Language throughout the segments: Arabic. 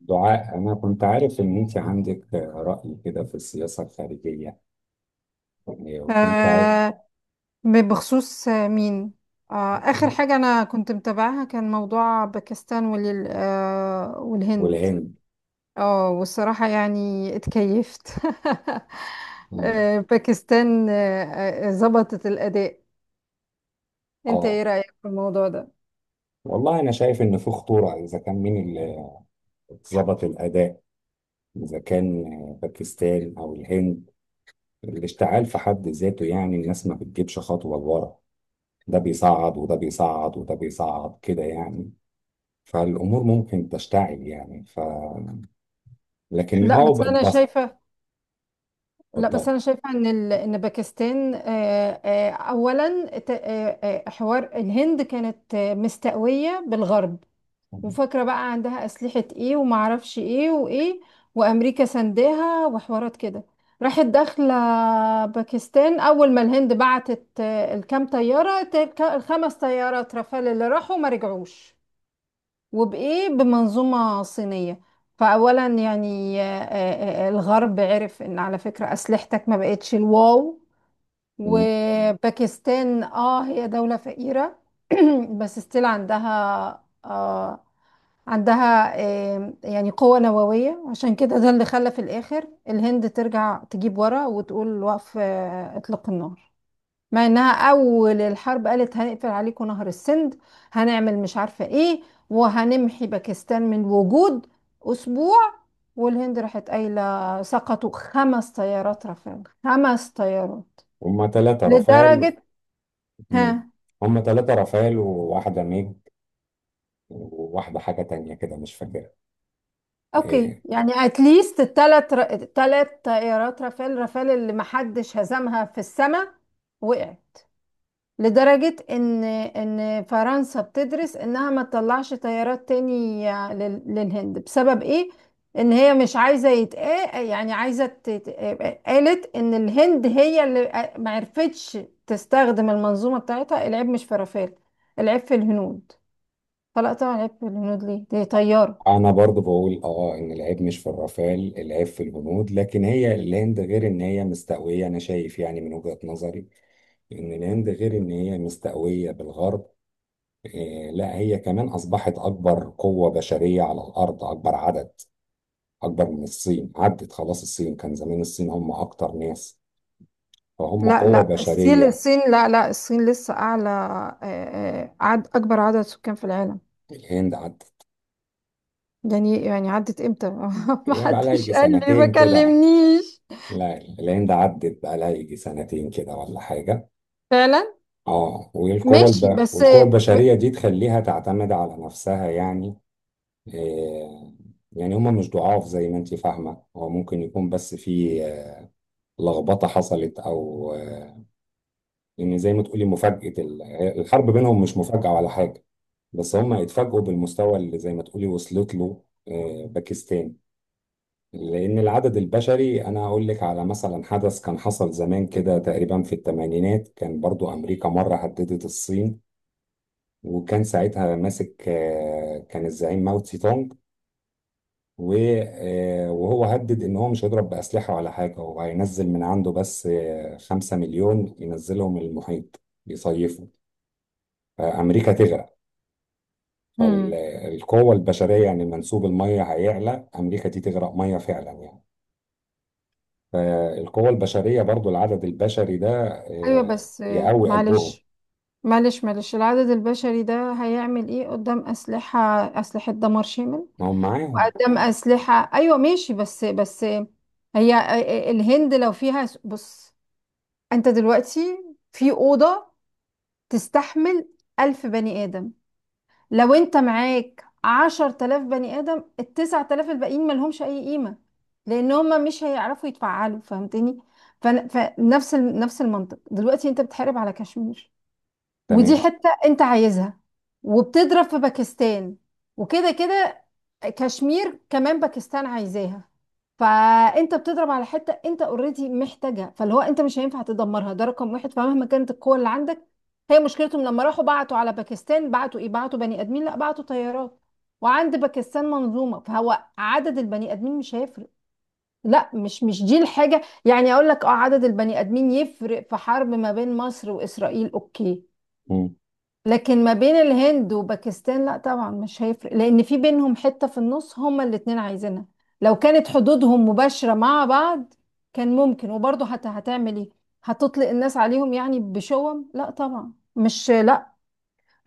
دعاء، أنا كنت عارف إن أنت عندك رأي كده في السياسة الخارجية، يعني وكنت عارف. آه بخصوص مين. آخر حاجة أنا كنت متابعها كان موضوع باكستان وال آه والهند. والهند. اه والصراحة يعني اتكيفت. مم. باكستان ظبطت الأداء. انت ايه آه رأيك في الموضوع ده؟ والله أنا شايف إن في خطورة. إذا كان مين اللي ظبط الأداء، إذا كان باكستان أو الهند، الاشتعال في حد ذاته، يعني الناس ما بتجيبش خطوة لورا. ده بيصعد وده بيصعد وده بيصعد كده، يعني فالأمور ممكن تشتعل يعني لكن لا بس بقت أنا بس. شايفة لا بس اتفضل. أنا شايفة إن باكستان أولا حوار الهند كانت مستقوية بالغرب، وفاكرة بقى عندها أسلحة ايه ومعرفش ايه وايه، وأمريكا سنداها وحوارات كده، راحت داخلة. باكستان أول ما الهند بعتت الكام طيارة الخمس طيارات رافال اللي راحوا ما رجعوش، وبإيه؟ بمنظومة صينية. فأولا يعني الغرب عرف إن على فكرة أسلحتك ما بقتش الواو. وباكستان هي دولة فقيرة، بس ستيل عندها يعني قوة نووية، عشان كده ده اللي خلى في الآخر الهند ترجع تجيب ورا وتقول وقف إطلاق النار، مع إنها أول الحرب قالت هنقفل عليكم نهر السند، هنعمل مش عارفة إيه، وهنمحي باكستان من وجود أسبوع. والهند راحت قايلة سقطوا خمس طيارات رافال، خمس طيارات هما 3 رافائيل. لدرجة. مم. ها. هما ثلاثة رافائيل وواحدة ميج، وواحدة حاجة تانية كده مش فاكرها. اوكي، إيه. يعني اتليست تلات طائرات رافال اللي محدش هزمها في السماء وقعت، لدرجة ان فرنسا بتدرس انها ما تطلعش طيارات تاني للهند. بسبب ايه؟ ان هي مش عايزة يتقا يعني عايزة قالت ان الهند هي اللي ما عرفتش تستخدم المنظومة بتاعتها، العيب مش في رافال، العيب في الهنود. فلا طبعا العيب في الهنود، ليه؟ دي طيارة. أنا برضو بقول إن العيب مش في الرافائيل، العيب في الهنود. لكن هي الهند، غير إن هي مستقوية، أنا شايف يعني من وجهة نظري إن الهند غير إن هي مستقوية بالغرب. إيه. لا هي كمان أصبحت أكبر قوة بشرية على الأرض، أكبر عدد. أكبر من الصين، عدت خلاص. الصين كان زمان الصين هم أكتر ناس، فهم لا قوة لا الصين بشرية. الصين لا لا الصين لسه أعلى، آه، عد أكبر عدد سكان في العالم. الهند عدت يعني عدت إمتى؟ ما بقى لها حدش يجي قال لي، ما سنتين كده. كلمنيش. لا العين ده عدت بقى لها يجي سنتين كده ولا حاجة. فعلا. اه، ماشي بس. والقوة البشرية دي تخليها تعتمد على نفسها يعني. آه يعني هما مش ضعاف زي ما انت فاهمة. هو ممكن يكون بس في لخبطة حصلت، أو يعني زي ما تقولي مفاجأة الحرب بينهم مش مفاجأة ولا حاجة. بس هما اتفاجئوا بالمستوى اللي زي ما تقولي وصلت له باكستان. لأن العدد البشري، أنا أقول لك على مثلا حدث كان حصل زمان كده تقريبا في الثمانينات، كان برضو أمريكا مرة هددت الصين. وكان ساعتها ماسك، كان الزعيم ماو تسي تونج. و- وهو هدد إن هو مش هيضرب بأسلحة ولا حاجة، هو هينزل من عنده بس 5,000,000 ينزلهم المحيط يصيفوا، فأمريكا تغرق. امم. فالقوة البشرية، يعني منسوب المية هيعلى، أمريكا دي تغرق مية فعلا يعني. فالقوة البشرية برضو العدد البشري ده أيوه بس، يقوي قلبهم. معلش، معلش، العدد البشري ده هيعمل إيه قدام أسلحة، أسلحة دمار شامل؟ ما هم معاهم. وقدام أسلحة، أيوه ماشي، بس هي الهند لو فيها، بص، أنت دلوقتي في أوضة تستحمل 1000 بني آدم، لو أنت معاك 10 تلاف بني آدم، ال9 تلاف الباقيين ملهمش أي قيمة، لأن هما مش هيعرفوا يتفعلوا، فهمتني؟ فنفس نفس المنطق دلوقتي أنت بتحارب على كشمير، ودي تمام. حتة انت عايزها، وبتضرب في باكستان، وكده كده كشمير كمان باكستان عايزاها. فانت بتضرب على حتة انت اوريدي محتاجها، فاللي هو انت مش هينفع تدمرها، ده رقم واحد، فمهما كانت القوة اللي عندك. هي مشكلتهم لما راحوا بعتوا على باكستان بعتوا ايه؟ بعتوا بني ادمين؟ لا، بعتوا طيارات، وعند باكستان منظومة، فهو عدد البني ادمين مش هيفرق. لا، مش دي الحاجة، يعني اقول لك اه عدد البني ادمين يفرق في حرب ما بين مصر واسرائيل، اوكي، مم. لكن ما بين الهند وباكستان لا طبعا مش هيفرق، لان في بينهم حتة في النص هما الاتنين عايزينها. لو كانت حدودهم مباشرة مع بعض كان ممكن، وبرضه هتعمل ايه؟ هتطلق الناس عليهم يعني بشوم؟ لا طبعا، مش لا،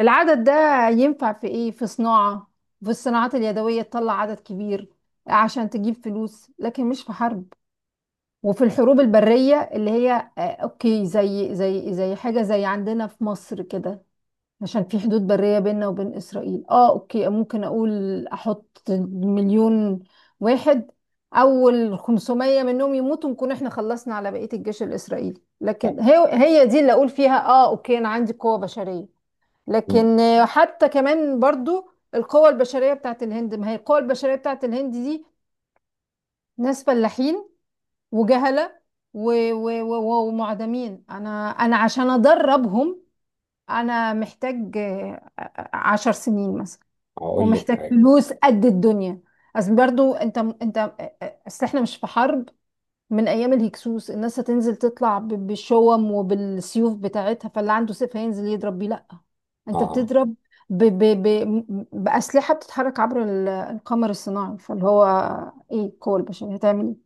العدد ده ينفع في ايه؟ في صناعة، في الصناعات اليدوية تطلع عدد كبير عشان تجيب فلوس، لكن مش في حرب. وفي الحروب البرية اللي هي اوكي، زي حاجة زي عندنا في مصر كده، عشان في حدود برية بيننا وبين إسرائيل، اه اوكي ممكن اقول احط مليون واحد، اول 500 منهم يموتوا نكون احنا خلصنا على بقية الجيش الإسرائيلي، لكن طيب. هي هي دي اللي اقول فيها اه اوكي انا عندي قوة بشرية. مم. لكن حتى كمان برضو، القوة البشرية بتاعت الهند، ما هي القوة البشرية بتاعت الهند دي ناس فلاحين وجهلة ومعدمين. انا عشان ادربهم انا محتاج 10 سنين مثلا، هقول لك ومحتاج حاجة. فلوس قد الدنيا. اصل برضو انت اصل احنا مش في حرب من ايام الهكسوس، الناس هتنزل تطلع بالشوم وبالسيوف بتاعتها، فاللي عنده سيف هينزل يضرب بيه. لا، انت اه. بتضرب ب ب ب باسلحه بتتحرك عبر القمر الصناعي، فاللي هو ايه القوه البشريه هتعمل؟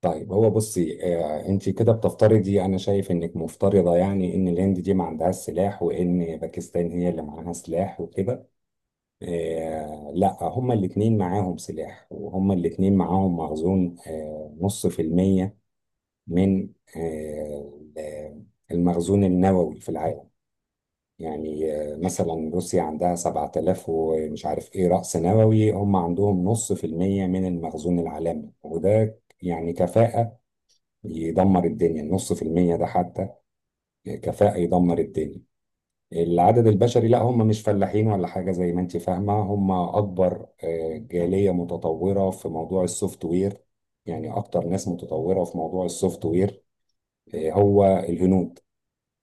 طيب، هو بصي انت كده بتفترضي، انا شايف انك مفترضة يعني ان الهند دي ما عندهاش سلاح وان باكستان هي اللي معاها سلاح وكده. لا، هما الاتنين معاهم سلاح، وهما الاتنين معاهم مخزون، نص في المية من آه المخزون النووي في العالم. يعني مثلا روسيا عندها 7,000 ومش عارف ايه رأس نووي، هم عندهم نص في المية من المخزون العالمي، وده يعني كفاءة يدمر الدنيا. النص في المية ده حتى كفاءة يدمر الدنيا. العدد البشري، لا هم مش فلاحين ولا حاجة زي ما انت فاهمة. هم أكبر جالية متطورة في موضوع السوفت وير، يعني أكتر ناس متطورة في موضوع السوفت وير هو الهنود.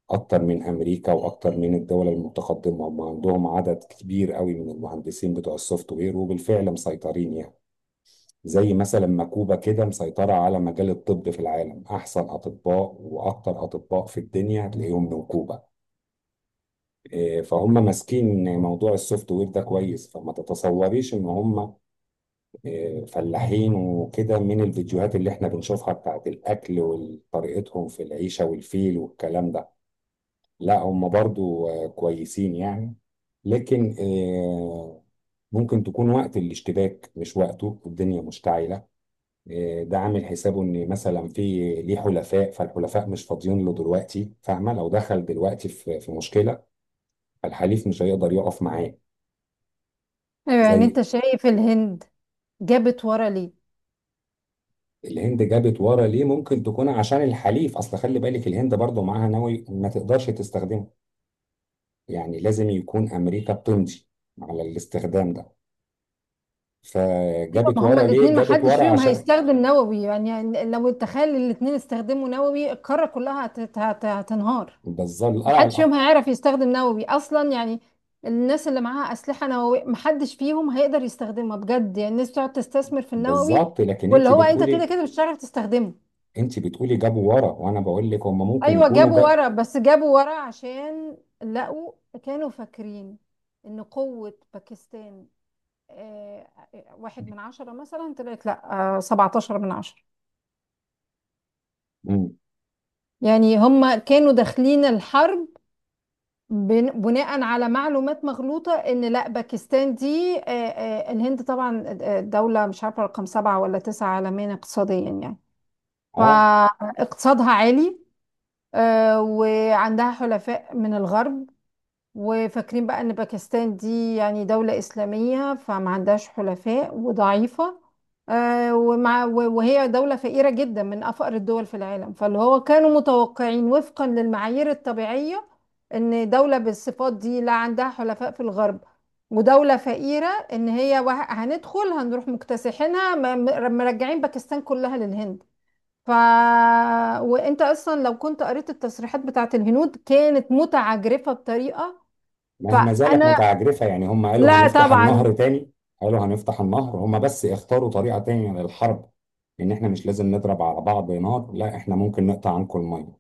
اكتر من امريكا واكتر من الدول المتقدمه. هم عندهم عدد كبير قوي من المهندسين بتوع السوفت وير، وبالفعل مسيطرين يعني. زي مثلا ما كوبا كده مسيطره على مجال الطب في العالم. احسن اطباء واكتر اطباء في الدنيا هتلاقيهم من كوبا. إيه، فهم ماسكين موضوع السوفت وير ده كويس، فما تتصوريش ان هم إيه، فلاحين وكده، من الفيديوهات اللي احنا بنشوفها بتاعت الاكل وطريقتهم في العيشه والفيل والكلام ده. لا، هم برضو كويسين يعني. لكن ممكن تكون وقت الاشتباك، مش وقته الدنيا مشتعلة. ده عامل حسابه ان مثلا في ليه حلفاء، فالحلفاء مش فاضيين له دلوقتي فاهمة، لو دخل دلوقتي في مشكلة، فالحليف مش هيقدر يقف معاه. ايه يعني زي انت شايف الهند جابت ورا ليه؟ الهند جابت ورا ليه؟ ممكن تكون عشان الحليف، اصل خلي بالك الهند برضو معاها نووي ما تقدرش تستخدمه، يعني لازم يكون امريكا بتمضي على الاستخدام ده. ايوه، فجابت ما هما ورا ليه؟ الاثنين ما جابت حدش ورا فيهم عشان هيستخدم نووي، يعني لو تخيل الاثنين استخدموا نووي القاره كلها هتنهار، بالظبط. ما لا، حدش فيهم لا. هيعرف يستخدم نووي اصلا يعني. الناس اللي معاها اسلحه نوويه ما حدش فيهم هيقدر يستخدمها بجد، يعني الناس بتقعد تستثمر في النووي، بالظبط، لكن واللي انت هو انت كده بتقولي كده مش هتعرف تستخدمه. انت بتقولي جابوا ورا، وانا بقول لك هم ممكن ايوه يكونوا جابوا جا. ورا، بس جابوا ورا عشان لقوا، كانوا فاكرين ان قوه باكستان آه، 1 من 10 مثلا، طلعت لا 17 من 10. مم. يعني هم كانوا داخلين الحرب بناء على معلومات مغلوطة، ان لا باكستان دي الهند طبعا دولة، مش عارفة رقم سبعة ولا تسعة عالميا اقتصاديا يعني، اه، فاقتصادها عالي، وعندها حلفاء من الغرب، وفاكرين بقى ان باكستان دي يعني دولة اسلامية فما عندهاش حلفاء وضعيفة، وهي دولة فقيرة جدا من افقر الدول في العالم، فاللي هو كانوا متوقعين وفقا للمعايير الطبيعية، ان دولة بالصفات دي لا عندها حلفاء في الغرب ودولة فقيرة، ان هي هندخل هنروح مكتسحينها مرجعين باكستان كلها للهند. ف وانت اصلا لو كنت قريت التصريحات بتاعت الهنود كانت متعجرفة بطريقة. ما هي ما زالت فانا متعجرفه، يعني هم قالوا لا هنفتح طبعا. النهر تاني. قالوا هنفتح النهر، هم بس اختاروا طريقه تانية للحرب. ان احنا مش لازم نضرب على بعض نار، لا احنا ممكن نقطع عنكم الميه،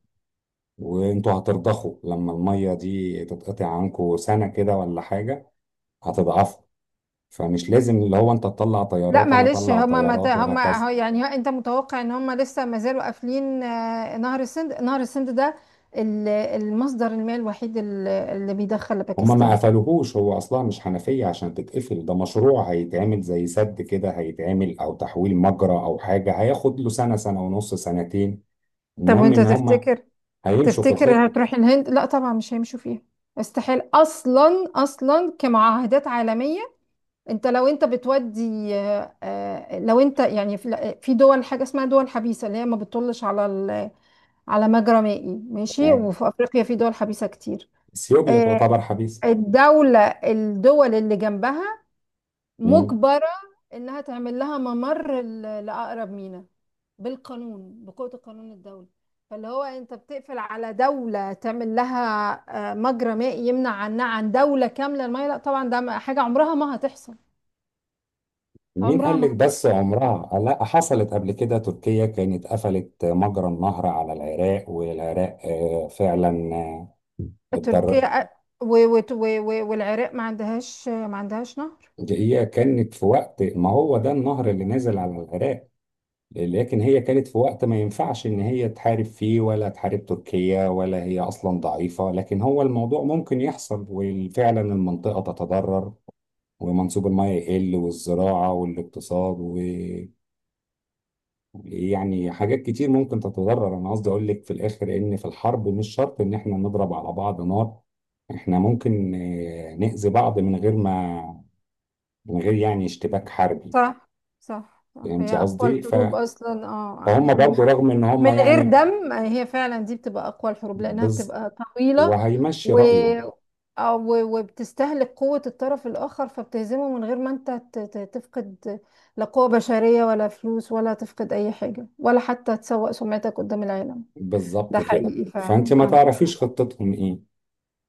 وانتوا هترضخوا لما الميه دي تتقطع عنكم سنه كده ولا حاجه، هتضعفوا. فمش لازم اللي هو انت تطلع لا طيارات انا معلش اطلع طيارات هما وهكذا. هو يعني هو انت متوقع ان هما لسه ما زالوا قافلين نهر السند، نهر السند ده المصدر المائي الوحيد اللي بيدخل هما ما لباكستان؟ قفلوهوش، هو اصلا مش حنفية عشان تتقفل، ده مشروع هيتعمل زي سد كده، هيتعمل او تحويل مجرى او حاجة، هياخد له سنة، سنة ونص، سنتين. طب المهم وانت ان هما تفتكر، هيمشوا في تفتكر الخطة. هتروح الهند؟ لا طبعا مش هيمشوا فيها، استحيل، اصلا كمعاهدات عالميه. انت لو انت بتودي لو انت يعني في دول حاجه اسمها دول حبيسه، اللي هي ما بتطلش على على مجرى مائي ماشي، يعني وفي افريقيا في دول حبيسه كتير اثيوبيا آه، تعتبر حبيسة. الدول اللي جنبها مم. مجبره انها تعمل لها ممر لاقرب ميناء، بالقانون، بقوه القانون الدولي. فاللي هو انت بتقفل على دوله تعمل لها مجرى مائي يمنع عنها عن دوله كامله الميه؟ لا طبعا ده حاجه عمرها ما هتحصل، مين عمرها قال ما لك هتحصل. بس عمرها؟ لا، حصلت قبل كده. تركيا كانت قفلت مجرى النهر على العراق، والعراق فعلا اتضرر. تركيا والعراق ما عندهاش، ما عندهاش نهر. هي كانت في وقت ما، هو ده النهر اللي نازل على العراق. لكن هي كانت في وقت ما ينفعش ان هي تحارب فيه، ولا تحارب تركيا، ولا هي اصلا ضعيفة. لكن هو الموضوع ممكن يحصل، وفعلا المنطقة تتضرر، ومنسوب المياه يقل، والزراعة والاقتصاد، ويعني حاجات كتير ممكن تتضرر. انا قصدي اقول لك في الاخر ان في الحرب مش شرط ان احنا نضرب على بعض نار، احنا ممكن نأذي بعض من غير ما، من غير يعني اشتباك حربي. صح صح صح، هي فهمتي أقوى قصدي؟ الحروب أصلا اه فهم اللي برضو رغم ان هم من غير يعني دم، هي فعلا دي بتبقى أقوى الحروب لأنها بز... بتبقى طويلة، وهيمشي و رأيه. أو وبتستهلك قوة الطرف الآخر فبتهزمه من غير ما أنت تفقد لا قوة بشرية ولا فلوس ولا تفقد أي حاجة ولا حتى تسوء سمعتك قدام العالم. ده بالظبط كده، حقيقي فأنت فعلا، ما عندك حق. تعرفيش خطتهم إيه.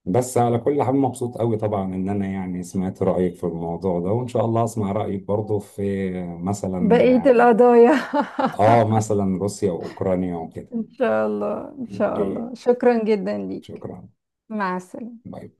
بس على كل حال، مبسوط قوي طبعا إن أنا يعني سمعت رأيك في الموضوع ده، وإن شاء الله أسمع رأيك برضه في، بقية مثلا، القضايا. مثلا روسيا وأوكرانيا وكده. إن شاء الله، إن شاء أوكي. الله، شكرا جدا ليك. شكرا. مع السلامة. باي باي.